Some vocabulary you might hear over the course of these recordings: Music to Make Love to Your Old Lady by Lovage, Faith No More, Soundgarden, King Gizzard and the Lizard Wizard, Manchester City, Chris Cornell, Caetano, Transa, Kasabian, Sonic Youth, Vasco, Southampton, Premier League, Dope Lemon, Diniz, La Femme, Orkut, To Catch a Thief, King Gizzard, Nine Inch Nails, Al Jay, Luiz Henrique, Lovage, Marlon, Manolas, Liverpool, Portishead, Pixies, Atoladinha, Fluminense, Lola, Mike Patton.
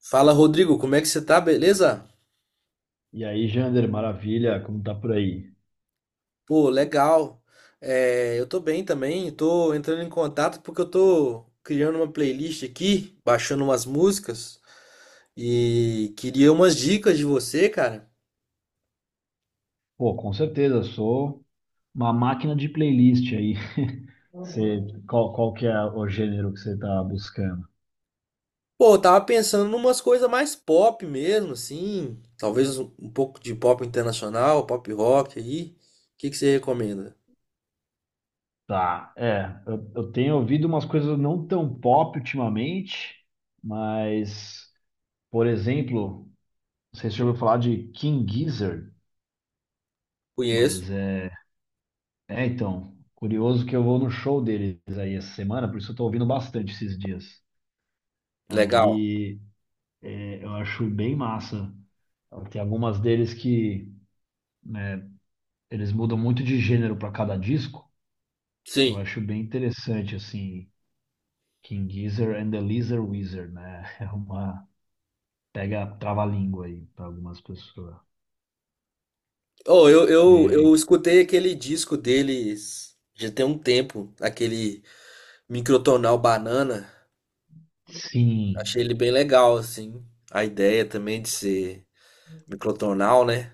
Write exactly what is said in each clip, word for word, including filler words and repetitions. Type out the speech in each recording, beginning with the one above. Fala, Rodrigo, como é que você tá? Beleza? E aí, Jander, maravilha, como tá por aí? Pô, legal. É, eu tô bem também, tô entrando em contato porque eu tô criando uma playlist aqui, baixando umas músicas e queria umas dicas de você, cara. Pô, com certeza, sou uma máquina de playlist aí. Você, qual, qual que é o gênero que você tá buscando? Pô, eu tava pensando em umas coisas mais pop mesmo, assim, talvez um um pouco de pop internacional, pop rock aí. O que que você recomenda? Tá, é, eu, eu tenho ouvido umas coisas não tão pop ultimamente, mas, por exemplo, não sei se você Hum, ouviu falar de King Gizzard, Conheço. mas é, é, então, curioso que eu vou no show deles aí essa semana, por isso eu tô ouvindo bastante esses dias. Legal. Aí, é, eu acho bem massa. Então, tem algumas deles que, né, eles mudam muito de gênero para cada disco. Então eu Sim. acho bem interessante, assim, King Gizzard and the Lizard Wizard, né? É uma. Pega trava-língua aí para algumas pessoas. Oh, eu, eu, É, eu escutei aquele disco deles já tem um tempo, aquele Microtonal Banana. sim, Achei ele bem legal, assim. A ideia também de ser microtonal, né?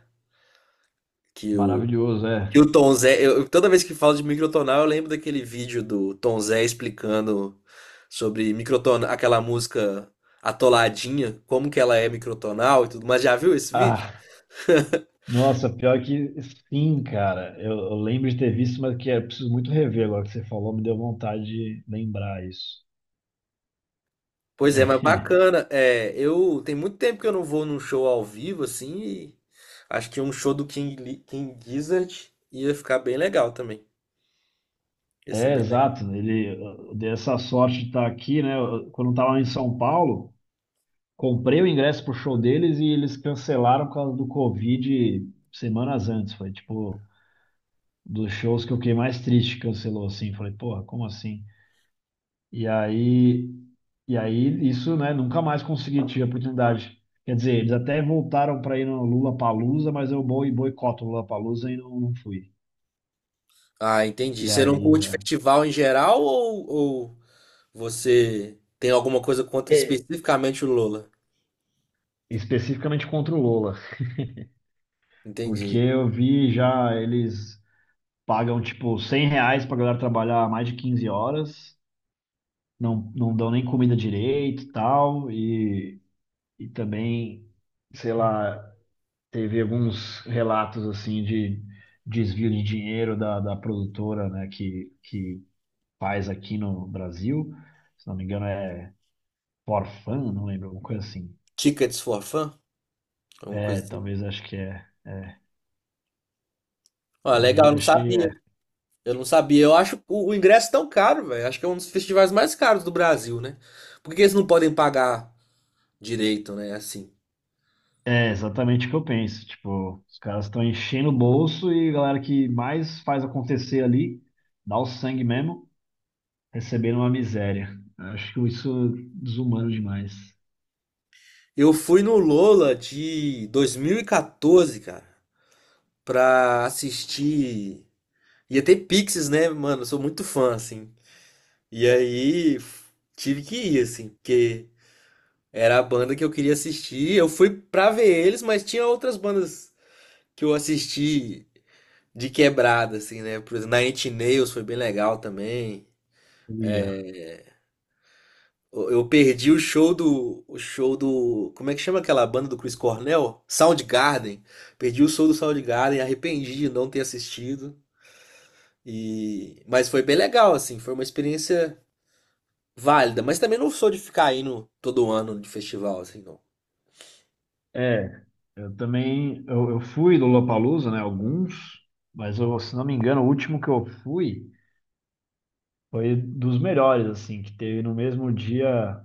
Que o, maravilhoso, é. que o Tom Zé. Eu, eu- toda vez que falo de microtonal, eu lembro daquele vídeo do Tom Zé explicando sobre microtonal, aquela música Atoladinha, como que ela é microtonal e tudo. Mas já viu esse vídeo? Ah, nossa, pior que sim, cara. Eu, eu lembro de ter visto, mas que é preciso muito rever agora que você falou, me deu vontade de lembrar isso. Pois é, mas bacana. É, eu tem muito tempo que eu não vou num show ao vivo assim, e acho que um show do King, Li- King Gizzard ia ficar bem legal também. Ia ser É, bem legal. exato. Ele eu dei essa sorte de estar aqui, né? Eu- quando eu estava em São Paulo, comprei o ingresso pro show deles e eles cancelaram por causa do Covid semanas antes. Foi tipo dos shows que eu fiquei mais triste, cancelou assim. Falei, porra, como assim? E aí, e aí isso, né? Nunca mais consegui tive a oportunidade. Quer dizer, eles até voltaram para ir no Lollapalooza, mas eu boi- boicoto o Lollapalooza e não, não fui. Ah, entendi. E Você não aí, curte é, festival em geral ou, ou você tem alguma coisa contra é. especificamente o Lola? Especificamente contra o Lola. Porque Entendi. eu vi já eles pagam tipo cem reais pra galera trabalhar mais de quinze horas, não, não dão nem comida direito e tal, e, e também, sei lá, teve alguns relatos assim de desvio de dinheiro da, da produtora, né, que, que faz aqui no Brasil, se não me engano é forfan, não lembro, alguma coisa assim. Tickets for Fun? Alguma É, coisa assim. talvez acho que é. Ah, legal, Aí eu não achei. sabia. Eu não sabia. Eu acho o, o ingresso tão caro, velho. Acho que é um dos festivais mais caros do Brasil, né? Por que eles não podem pagar direito, né? Assim. É exatamente o que eu penso. Tipo, os caras estão enchendo o bolso e a galera que mais faz acontecer ali, dá o sangue mesmo, recebendo uma miséria. Eu acho que isso é desumano demais. Eu fui no Lola de dois mil e quatorze, cara, pra assistir. Ia ter Pixies, né, mano? Eu sou muito fã, assim. E aí f- Tive que ir, assim, porque era a banda que eu queria assistir. Eu fui pra ver eles, mas tinha outras bandas que eu assisti de quebrada, assim, né? Por exemplo, Nine Inch Nails foi bem legal também. Uia. Eu eu perdi o show do. O show do. Como é que chama aquela banda do Chris Cornell? Soundgarden. Perdi o show do Soundgarden, arrependi de não ter assistido. E... mas foi bem legal, assim, foi uma experiência válida. Mas também não sou de ficar indo todo ano de festival, assim, não. É, eu também, eu, eu fui do Lollapalooza, né, alguns, mas eu, se não me engano, o último que eu fui foi dos melhores, assim, que teve no mesmo dia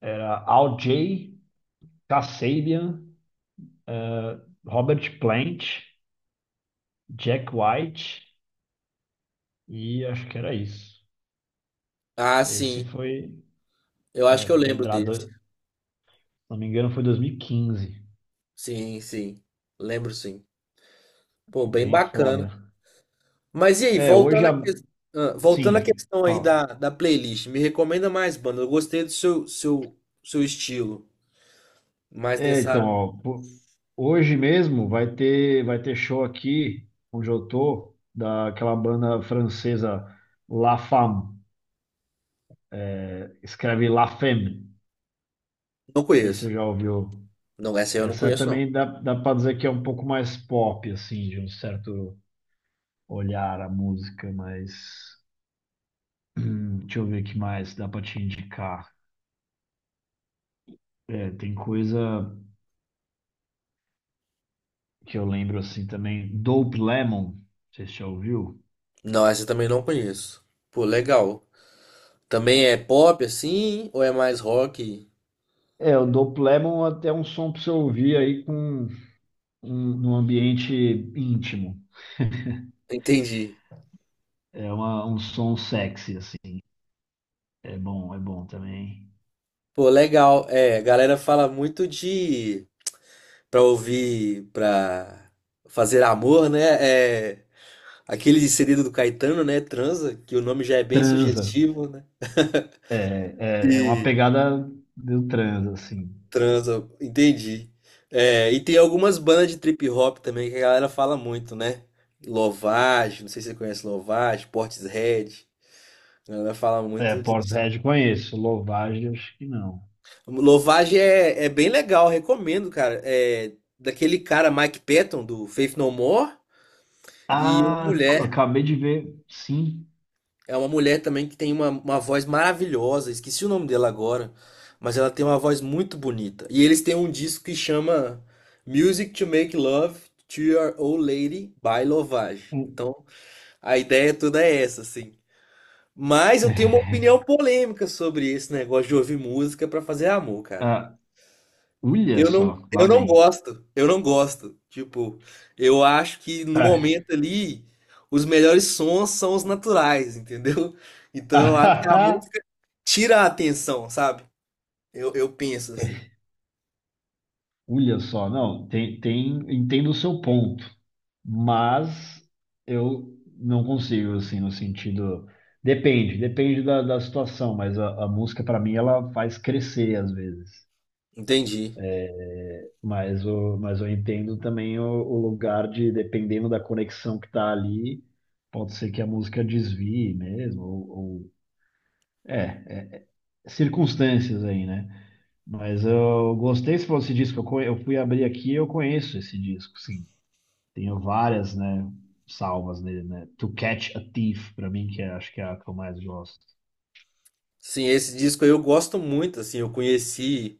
era Al Jay, Kasabian, Robert Plant, Jack White e acho que era isso. Ah, Esse sim. foi, Eu acho é, que eu lembro pedrada, desse. se não me engano, foi dois mil e quinze. Sim, sim. Lembro sim. Pô, bem Bem foda. bacana. Mas e aí, É, hoje, voltando à a... ques- ah, voltando à sim, questão aí Paulo. da, da playlist, me recomenda mais banda. Eu gostei do seu, seu, seu estilo. Mas É, então, nessa. ó, po- hoje mesmo vai ter, vai ter show aqui, onde eu tô, daquela banda francesa La Femme. É, escreve La Femme. Não Não sei se conheço. você já ouviu. Não, essa eu não Essa conheço, não. também dá, dá pra dizer que é um pouco mais pop, assim, de um certo olhar à música, mas. hum, deixa eu ver o que mais dá pra te indicar. É, tem coisa que eu lembro assim também. Dope Lemon, você já ouviu? Não, essa eu também não conheço. Pô, legal. Também é pop assim? Ou é mais rock? É, o Dope Lemon até é um som para você ouvir aí com um, num ambiente íntimo. Entendi. É uma- um som sexy, assim. É bom, é bom também. Pô, legal. É, a galera fala muito de. Pra ouvir, pra fazer amor, né? É. Aquele segredo do Caetano, né? Transa, que o nome já é bem Transa. sugestivo, né? É, é, é uma E pegada do transa, assim. Transa, entendi. É, e tem algumas bandas de trip hop também que a galera fala muito, né? Lovage, não sei se você conhece Lovage, Portishead. A galera fala É, muito de... Portishead conheço. Lovage, acho que não. Lovage é, é bem legal, recomendo, cara. É daquele cara Mike Patton do Faith No More e uma Ah, c- mulher. acabei de ver, sim. É uma mulher também que tem uma, uma voz maravilhosa, esqueci o nome dela agora, mas ela tem uma voz muito bonita. E eles têm um disco que chama Music to Make Love to Your Old Lady by Lovage. O- Então, a ideia toda é essa, assim. Mas eu tenho uma opinião polêmica sobre esse negócio de ouvir música pra fazer amor, cara. ah, olha Eu não, só, lá eu não vem. gosto, eu não gosto. Tipo, eu acho que no momento ali, os melhores sons são os naturais, entendeu? Então eu acho que a música tira a atenção, sabe? Eu, eu penso assim. Olha só, não, tem, tem, entendo o seu ponto, mas eu não consigo, assim, no sentido. Depende, depende da, da situação, mas a, a música, para mim, ela faz crescer às vezes. Entendi. Mas, o, mas eu entendo também o, o lugar de, dependendo da conexão que tá ali, pode ser que a música desvie mesmo, ou, ou- é, circunstâncias aí, né? Mas eu gostei se fosse disco, eu, co- eu fui abrir aqui eu conheço esse disco, sim. Tenho várias, né, salvas nele, né? To Catch a Thief, pra mim, que é- acho que é a que eu mais gosto. Sim, esse disco aí eu gosto muito, assim, eu conheci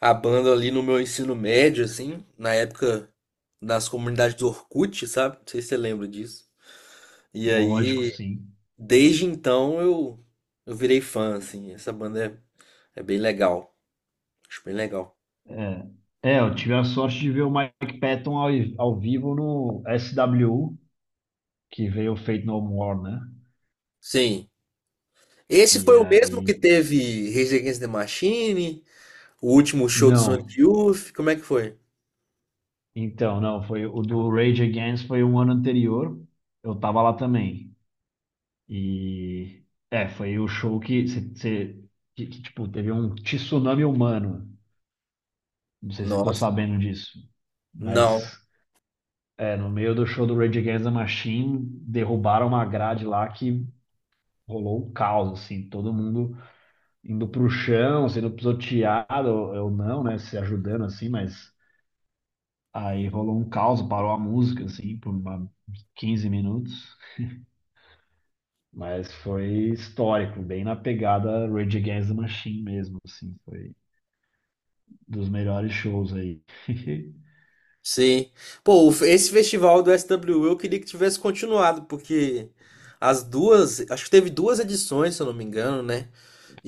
a banda ali no meu ensino médio, assim, na época das comunidades do Orkut, sabe? Não sei se você lembra disso. E Lógico, aí, sim. desde então, eu, eu virei fã, assim, essa banda é, é bem legal, acho bem legal. É, é, eu tive a sorte de ver o Mike Patton ao, ao vivo no S W U, que veio o Faith No More, né? Sim, esse foi E o mesmo que aí. teve Rage Against the Machine, o último show do Não, Sonic Youth, como é que foi? então, não, foi o do Rage Against foi um ano anterior. Eu tava lá também. E. É, foi o show que, cê- cê- que, que, tipo, teve um tsunami humano. Não sei se você ficou Nossa, sabendo disso. não. Mas é, no meio do show do Rage Against the Machine, derrubaram uma grade lá que rolou um caos, assim, todo mundo indo pro chão, sendo pisoteado, eu não, né, se ajudando assim, mas aí rolou um caos, parou a música, assim, por uma, quinze minutos. Mas foi histórico, bem na pegada Rage Against the Machine mesmo, assim, foi dos melhores shows aí. Sim. Pô, o fe- esse festival do S W U eu queria que tivesse continuado, porque as duas, acho que teve duas edições, se eu não me engano, né?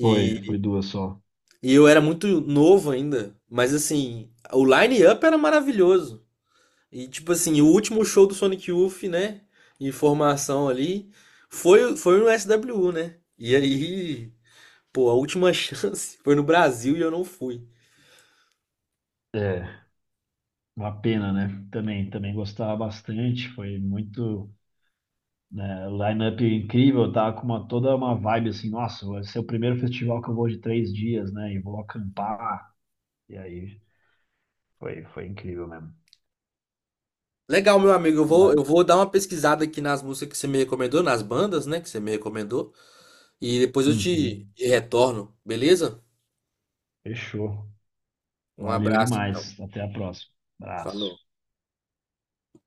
Foi, foi duas só. e eu era muito novo ainda, mas assim, o line-up era maravilhoso. E tipo assim, o último show do Sonic Youth, né? Em formação ali, foi, foi no S W U, né? E aí, pô, a última chance foi no Brasil e eu não fui. É. Uma pena, né? Também, também gostava bastante, foi muito, né, line-up incrível, tá com uma toda uma vibe assim, nossa, vai ser o primeiro festival que eu vou de três dias, né? E vou acampar. E aí, foi, foi incrível mesmo. Legal, meu amigo. Eu vou, Mas- eu vou dar uma pesquisada aqui nas músicas que você me recomendou, nas bandas, né, que você me recomendou, e depois eu te uhum. retorno, beleza? Fechou. Um Valeu abraço, então. demais. Até a próxima. Abraço. Falou.